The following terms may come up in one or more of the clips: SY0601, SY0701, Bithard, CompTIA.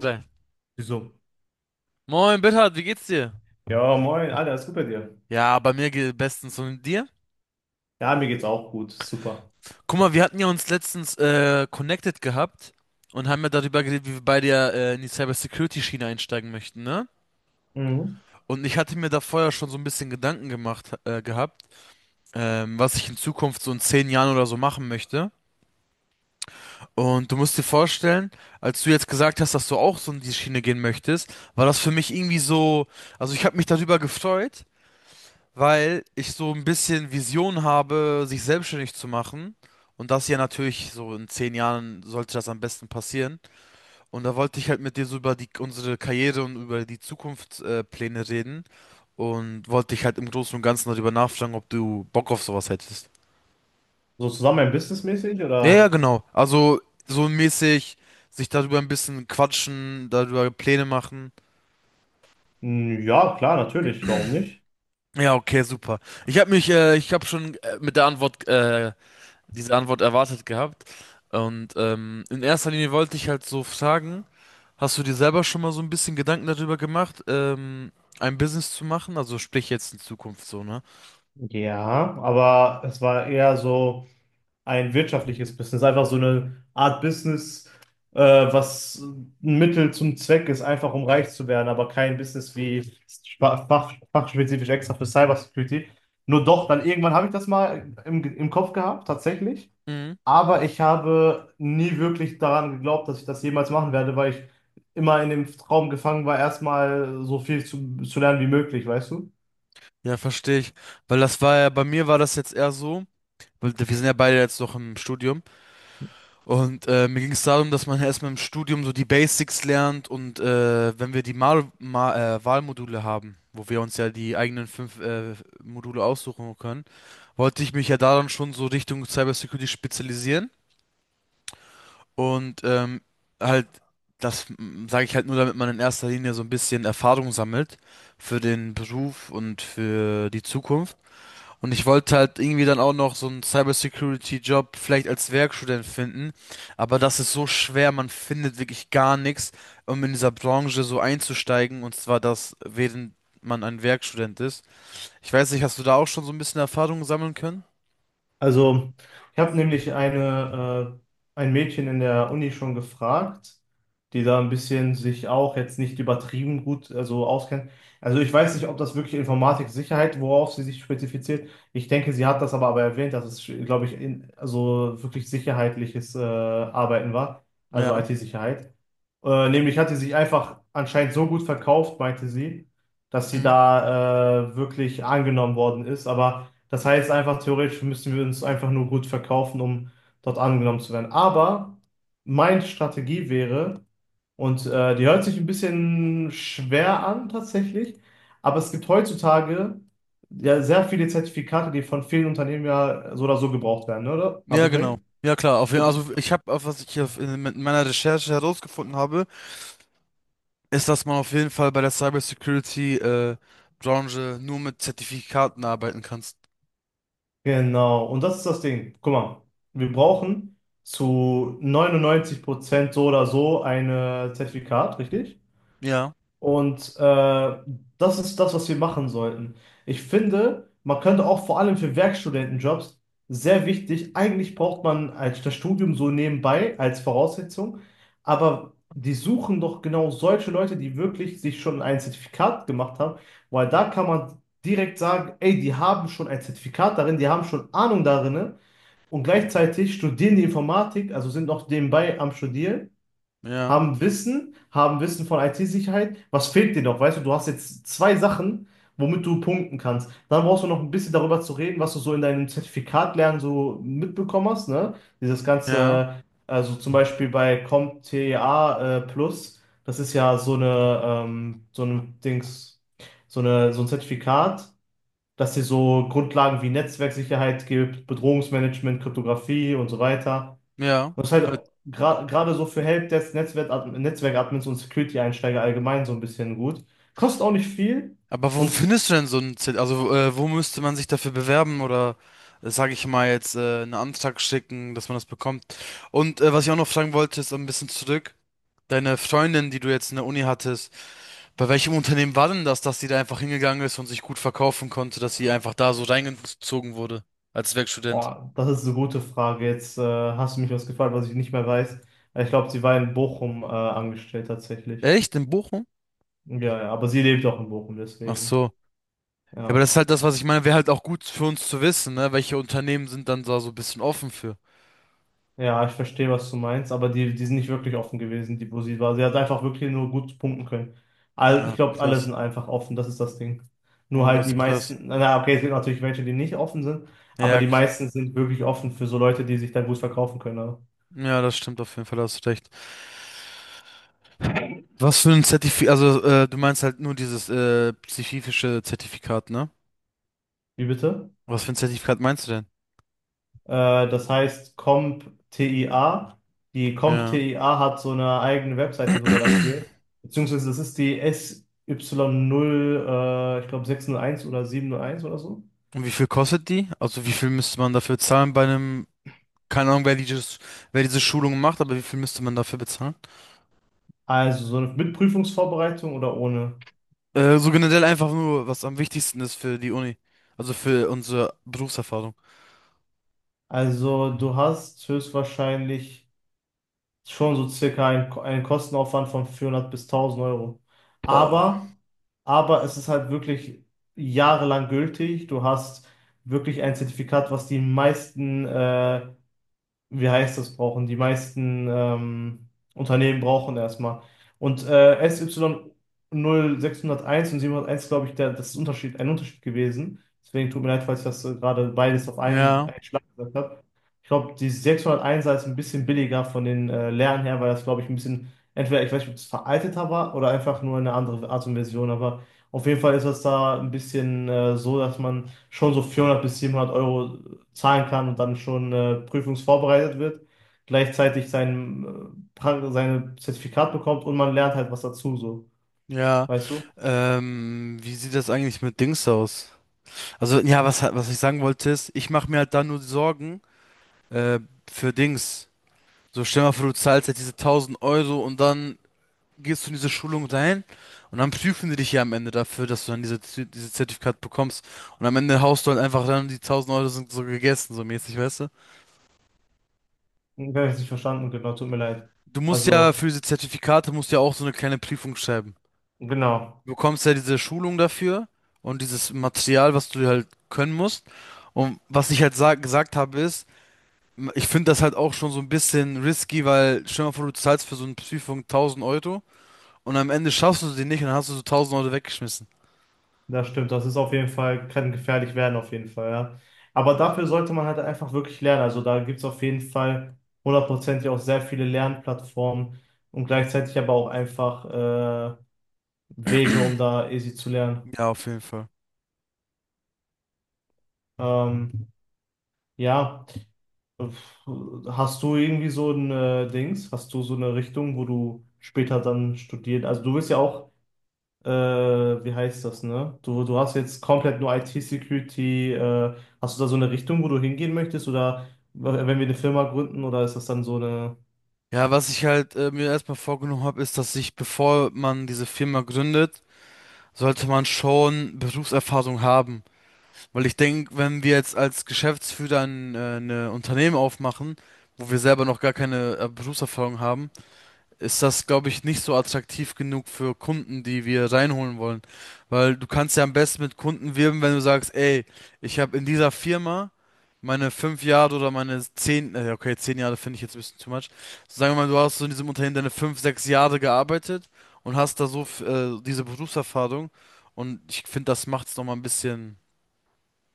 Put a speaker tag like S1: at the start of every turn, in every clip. S1: Sein.
S2: Wieso?
S1: Moin, Bithard, wie geht's dir?
S2: Ja, moin, Alter, ist gut bei dir?
S1: Ja, bei mir geht bestens und dir?
S2: Ja, mir geht's auch gut, super.
S1: Guck mal, wir hatten ja uns letztens connected gehabt und haben ja darüber geredet, wie wir beide ja in die Cybersecurity-Schiene einsteigen möchten, ne?
S2: Mhm.
S1: Und ich hatte mir da vorher schon so ein bisschen Gedanken gemacht gehabt, was ich in Zukunft so in 10 Jahren oder so machen möchte. Und du musst dir vorstellen, als du jetzt gesagt hast, dass du auch so in die Schiene gehen möchtest, war das für mich irgendwie so, also ich habe mich darüber gefreut, weil ich so ein bisschen Vision habe, sich selbstständig zu machen. Und das hier natürlich, so in 10 Jahren sollte das am besten passieren. Und da wollte ich halt mit dir so über die, unsere Karriere und über die Zukunftspläne Pläne reden. Und wollte dich halt im Großen und Ganzen darüber nachfragen, ob du Bock auf sowas hättest.
S2: So zusammen businessmäßig
S1: Ja, ja,
S2: oder?
S1: genau. Also so mäßig sich darüber ein bisschen quatschen, darüber Pläne machen.
S2: Hm, ja, klar, natürlich, warum nicht?
S1: Ja, okay, super. Ich habe schon mit der Antwort diese Antwort erwartet gehabt. Und in erster Linie wollte ich halt so fragen, hast du dir selber schon mal so ein bisschen Gedanken darüber gemacht, ein Business zu machen? Also sprich jetzt in Zukunft so, ne?
S2: Ja, aber es war eher so ein wirtschaftliches Business, einfach so eine Art Business, was ein Mittel zum Zweck ist, einfach um reich zu werden, aber kein Business wie fachspezifisch extra für Cybersecurity. Nur doch, dann irgendwann habe ich das mal im Kopf gehabt, tatsächlich.
S1: Mhm.
S2: Aber ich habe nie wirklich daran geglaubt, dass ich das jemals machen werde, weil ich immer in dem Traum gefangen war, erstmal so viel zu lernen wie möglich, weißt du?
S1: Ja, verstehe ich. Weil das war ja, bei mir war das jetzt eher so, weil wir sind ja beide jetzt noch im Studium und mir ging es darum, dass man ja erstmal im Studium so die Basics lernt und wenn wir die Mal Ma Wahlmodule haben, wo wir uns ja die eigenen fünf Module aussuchen können, wollte ich mich ja daran schon so Richtung Cybersecurity spezialisieren und halt das sage ich halt nur, damit man in erster Linie so ein bisschen Erfahrung sammelt für den Beruf und für die Zukunft. Und ich wollte halt irgendwie dann auch noch so einen Cybersecurity-Job vielleicht als Werkstudent finden, aber das ist so schwer, man findet wirklich gar nichts, um in dieser Branche so einzusteigen und zwar das, während man ein Werkstudent ist. Ich weiß nicht, hast du da auch schon so ein bisschen Erfahrung sammeln können?
S2: Also, ich habe nämlich ein Mädchen in der Uni schon gefragt, die da ein bisschen sich auch jetzt nicht übertrieben gut, also auskennt. Also ich weiß nicht, ob das wirklich Informatik-Sicherheit, worauf sie sich spezifiziert. Ich denke, sie hat das aber erwähnt, dass es, glaube ich, also wirklich sicherheitliches Arbeiten war, also
S1: Ja.
S2: IT-Sicherheit. Nämlich hat sie sich einfach anscheinend so gut verkauft, meinte sie, dass sie da wirklich angenommen worden ist. Aber das heißt einfach, theoretisch müssen wir uns einfach nur gut verkaufen, um dort angenommen zu werden. Aber meine Strategie wäre, und die hört sich ein bisschen schwer an tatsächlich, aber es gibt heutzutage ja sehr viele Zertifikate, die von vielen Unternehmen ja so oder so gebraucht werden, ne, oder? Habe
S1: Ja,
S2: ich
S1: genau.
S2: recht?
S1: Ja, klar. Auf jeden,
S2: Gut.
S1: also ich habe, was ich hier in mit meiner Recherche herausgefunden habe, ist, dass man auf jeden Fall bei der Cybersecurity Branche nur mit Zertifikaten arbeiten kannst.
S2: Genau, und das ist das Ding. Guck mal, wir brauchen zu 99% so oder so ein Zertifikat, richtig?
S1: Ja,
S2: Und das ist das, was wir machen sollten. Ich finde, man könnte auch vor allem für Werkstudentenjobs sehr wichtig, eigentlich braucht man als das Studium so nebenbei als Voraussetzung, aber die suchen doch genau solche Leute, die wirklich sich schon ein Zertifikat gemacht haben, weil da kann man direkt sagen, ey, die haben schon ein Zertifikat darin, die haben schon Ahnung darin und gleichzeitig studieren die Informatik, also sind noch nebenbei am Studieren,
S1: ja,
S2: haben Wissen von IT-Sicherheit. Was fehlt dir noch? Weißt du, du hast jetzt zwei Sachen, womit du punkten kannst. Dann brauchst du noch ein bisschen darüber zu reden, was du so in deinem Zertifikat lernen so mitbekommen hast, ne? Dieses
S1: ja,
S2: ganze, also zum Beispiel bei CompTIA Plus, das ist ja so eine, so ein Dings, so ein Zertifikat, dass dir so Grundlagen wie Netzwerksicherheit gibt, Bedrohungsmanagement, Kryptographie und so weiter.
S1: ja.
S2: Was
S1: Mit-
S2: halt gerade so für Helpdesk, Netzwerkadmins und Security-Einsteiger allgemein so ein bisschen gut. Kostet auch nicht viel.
S1: Aber wo
S2: Und
S1: findest du denn so ein Zert Also wo müsste man sich dafür bewerben oder sage ich mal jetzt einen Antrag schicken, dass man das bekommt? Und was ich auch noch fragen wollte, ist so ein bisschen zurück. Deine Freundin, die du jetzt in der Uni hattest. Bei welchem Unternehmen war denn das, dass sie da einfach hingegangen ist und sich gut verkaufen konnte, dass sie einfach da so reingezogen wurde als Werkstudent?
S2: oh, das ist eine gute Frage. Jetzt hast du mich was gefragt, was ich nicht mehr weiß. Ich glaube, sie war in Bochum angestellt tatsächlich.
S1: Echt? In Bochum?
S2: Ja, ja, aber sie lebt auch in Bochum,
S1: Ach
S2: deswegen.
S1: so. Ja, aber
S2: Ja.
S1: das ist halt das, was ich meine, wäre halt auch gut für uns zu wissen, ne? Welche Unternehmen sind dann da so ein bisschen offen für?
S2: Ja, ich verstehe, was du meinst, aber die sind nicht wirklich offen gewesen, die Bussi war. Sie hat einfach wirklich nur gut punkten können. Ich
S1: Ja,
S2: glaube, alle
S1: krass.
S2: sind einfach offen, das ist das Ding. Nur
S1: Oh,
S2: halt
S1: das
S2: die
S1: ist krass.
S2: meisten, na okay, es gibt natürlich welche, die nicht offen sind, aber
S1: Ja,
S2: die meisten sind wirklich offen für so Leute, die sich dann gut verkaufen können,
S1: ja, das stimmt auf jeden Fall, da hast du recht. Was für ein Zertifikat, also du meinst halt nur dieses spezifische Zertifikat, ne?
S2: Wie bitte?
S1: Was für ein Zertifikat meinst du
S2: Das heißt CompTIA. Die
S1: denn?
S2: Comp
S1: Ja.
S2: t i a hat so eine eigene Webseite sogar dafür. Beziehungsweise das ist die SY0, ich glaube 601 oder 701 oder so.
S1: Und wie viel kostet die? Also wie viel müsste man dafür zahlen bei einem, keine Ahnung, wer diese Schulung macht, aber wie viel müsste man dafür bezahlen?
S2: Also so mit Prüfungsvorbereitung oder ohne?
S1: So generell einfach nur, was am wichtigsten ist für die Uni. Also für unsere Berufserfahrung.
S2: Also du hast höchstwahrscheinlich schon so circa einen Kostenaufwand von 400 bis 1000 Euro.
S1: Boah.
S2: Aber, aber es ist halt wirklich jahrelang gültig. Du hast wirklich ein Zertifikat, was die meisten wie heißt das, brauchen. Die meisten Unternehmen brauchen erstmal. Und SY0601 und 701, glaube ich, das ist ein Unterschied gewesen. Deswegen tut mir leid, falls ich das gerade beides auf einen,
S1: Ja,
S2: einen Schlag gesagt habe. Ich glaube, die 601 ist ein bisschen billiger von den Lernen her, weil das, glaube ich, ein bisschen, entweder, ich weiß nicht, ob es veralteter war oder einfach nur eine andere Art und Version, aber auf jeden Fall ist das da ein bisschen so, dass man schon so 400 bis 700 Euro zahlen kann und dann schon prüfungsvorbereitet wird, gleichzeitig seine Zertifikat bekommt und man lernt halt was dazu, so.
S1: ja.
S2: Weißt du?
S1: Wie sieht das eigentlich mit Dings aus? Also, ja, was ich sagen wollte ist, ich mache mir halt da nur Sorgen, äh, für Dings. So, stell mal vor, du zahlst jetzt diese 1000 € und dann gehst du in diese Schulung rein und dann prüfen die dich ja am Ende dafür, dass du dann dieses Zertifikat bekommst. Und am Ende haust du halt einfach dann die 1000 € sind so gegessen, so mäßig, weißt du?
S2: Ich habe es nicht verstanden, genau, tut mir leid.
S1: Du musst ja
S2: Also,
S1: für diese Zertifikate musst ja auch so eine kleine Prüfung schreiben.
S2: genau,
S1: Du bekommst ja diese Schulung dafür und dieses Material, was du halt können musst. Und was ich halt gesagt habe ist, ich finde das halt auch schon so ein bisschen risky, weil stell dir mal vor, du zahlst für so eine Prüfung 1000 € und am Ende schaffst du sie nicht und dann hast du so 1000 € weggeschmissen.
S2: das stimmt. Das ist auf jeden Fall, kann gefährlich werden, auf jeden Fall, ja. Aber dafür sollte man halt einfach wirklich lernen. Also da gibt es auf jeden Fall hundertprozentig auch sehr viele Lernplattformen und gleichzeitig aber auch einfach äh, Wege, um da easy zu lernen.
S1: Ja, auf jeden Fall.
S2: Ähm, ja. Hast du irgendwie so ein Dings? Hast du so eine Richtung, wo du später dann studierst? Also du bist ja auch, wie heißt das, ne? Du hast jetzt komplett nur IT-Security. Hast du da so eine Richtung, wo du hingehen möchtest? Oder wenn wir eine Firma gründen, oder ist das dann so eine.
S1: Ja, was ich halt mir erstmal vorgenommen habe, ist, dass ich, bevor man diese Firma gründet, sollte man schon Berufserfahrung haben. Weil ich denke, wenn wir jetzt als Geschäftsführer eine Unternehmen aufmachen, wo wir selber noch gar keine Berufserfahrung haben, ist das, glaube ich, nicht so attraktiv genug für Kunden, die wir reinholen wollen. Weil du kannst ja am besten mit Kunden wirben, wenn du sagst, ey, ich habe in dieser Firma meine 5 Jahre oder meine 10, okay, 10 Jahre finde ich jetzt ein bisschen too much. So, sagen wir mal, du hast so in diesem Unternehmen deine 5, 6 Jahre gearbeitet und hast da so diese Berufserfahrung. Und ich finde, das macht es nochmal ein bisschen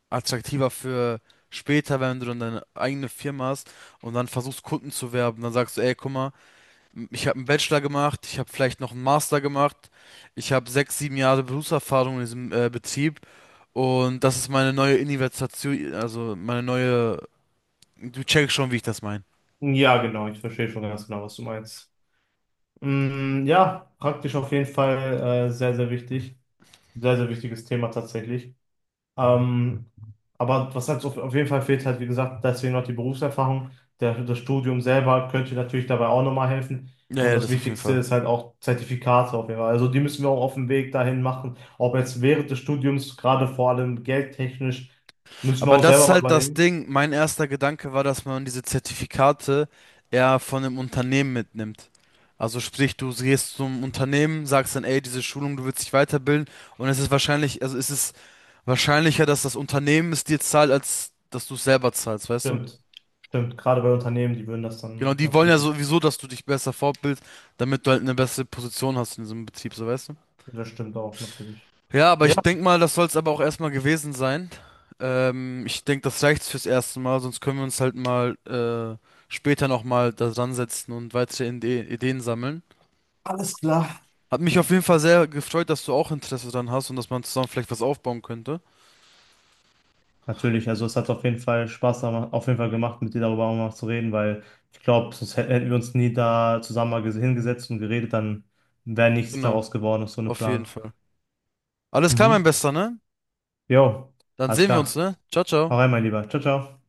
S1: attraktiver für später, wenn du dann deine eigene Firma hast und dann versuchst, Kunden zu werben. Dann sagst du, ey, guck mal, ich habe einen Bachelor gemacht, ich habe vielleicht noch einen Master gemacht, ich habe 6, 7 Jahre Berufserfahrung in diesem Betrieb und das ist meine neue Investition, also meine neue. Du checkst schon, wie ich das meine.
S2: Ja, genau, ich verstehe schon ganz genau, was du meinst. Mm, ja, praktisch auf jeden Fall sehr, sehr wichtig. Sehr, sehr wichtiges Thema tatsächlich. Ähm, aber was halt so auf jeden Fall fehlt, halt wie gesagt, deswegen noch die Berufserfahrung. Das Studium selber könnte natürlich dabei auch nochmal helfen.
S1: Ja,
S2: Und
S1: ja,
S2: das
S1: das auf jeden
S2: Wichtigste
S1: Fall.
S2: ist halt auch Zertifikate auf jeden Fall. Also die müssen wir auch auf dem Weg dahin machen. Ob jetzt während des Studiums, gerade vor allem geldtechnisch, müssen wir
S1: Aber
S2: auch
S1: das
S2: selber
S1: ist
S2: mal
S1: halt das
S2: überlegen.
S1: Ding. Mein erster Gedanke war, dass man diese Zertifikate eher von einem Unternehmen mitnimmt. Also sprich, du gehst zum Unternehmen, sagst dann, ey, diese Schulung, du willst dich weiterbilden und es ist wahrscheinlich, also es ist wahrscheinlicher, dass das Unternehmen es dir zahlt, als dass du es selber zahlst, weißt du?
S2: Stimmt. Stimmt. Gerade bei Unternehmen, die würden das
S1: Genau,
S2: dann
S1: die wollen ja
S2: natürlich.
S1: sowieso, dass du dich besser fortbildest, damit du halt eine bessere Position hast in diesem Betrieb, so weißt du?
S2: Das stimmt auch natürlich.
S1: Ja, aber
S2: Ja,
S1: ich denke mal, das soll es aber auch erstmal gewesen sein. Ich denke, das reicht fürs erste Mal, sonst können wir uns halt mal später nochmal da dran setzen und weitere Ideen sammeln.
S2: alles klar.
S1: Hat mich auf jeden Fall sehr gefreut, dass du auch Interesse dran hast und dass man zusammen vielleicht was aufbauen könnte.
S2: Natürlich, also es hat auf jeden Fall Spaß auf jeden Fall gemacht, mit dir darüber auch mal zu reden, weil ich glaube, sonst hätten wir uns nie da zusammen mal hingesetzt und geredet, dann wäre nichts
S1: Genau,
S2: daraus geworden aus so einem
S1: auf jeden
S2: Plan.
S1: Fall. Alles klar, mein
S2: Mhm.
S1: Bester, ne?
S2: Jo,
S1: Dann
S2: alles
S1: sehen wir
S2: klar.
S1: uns, ne? Ciao,
S2: Hau
S1: ciao.
S2: rein, mein Lieber. Ciao, ciao.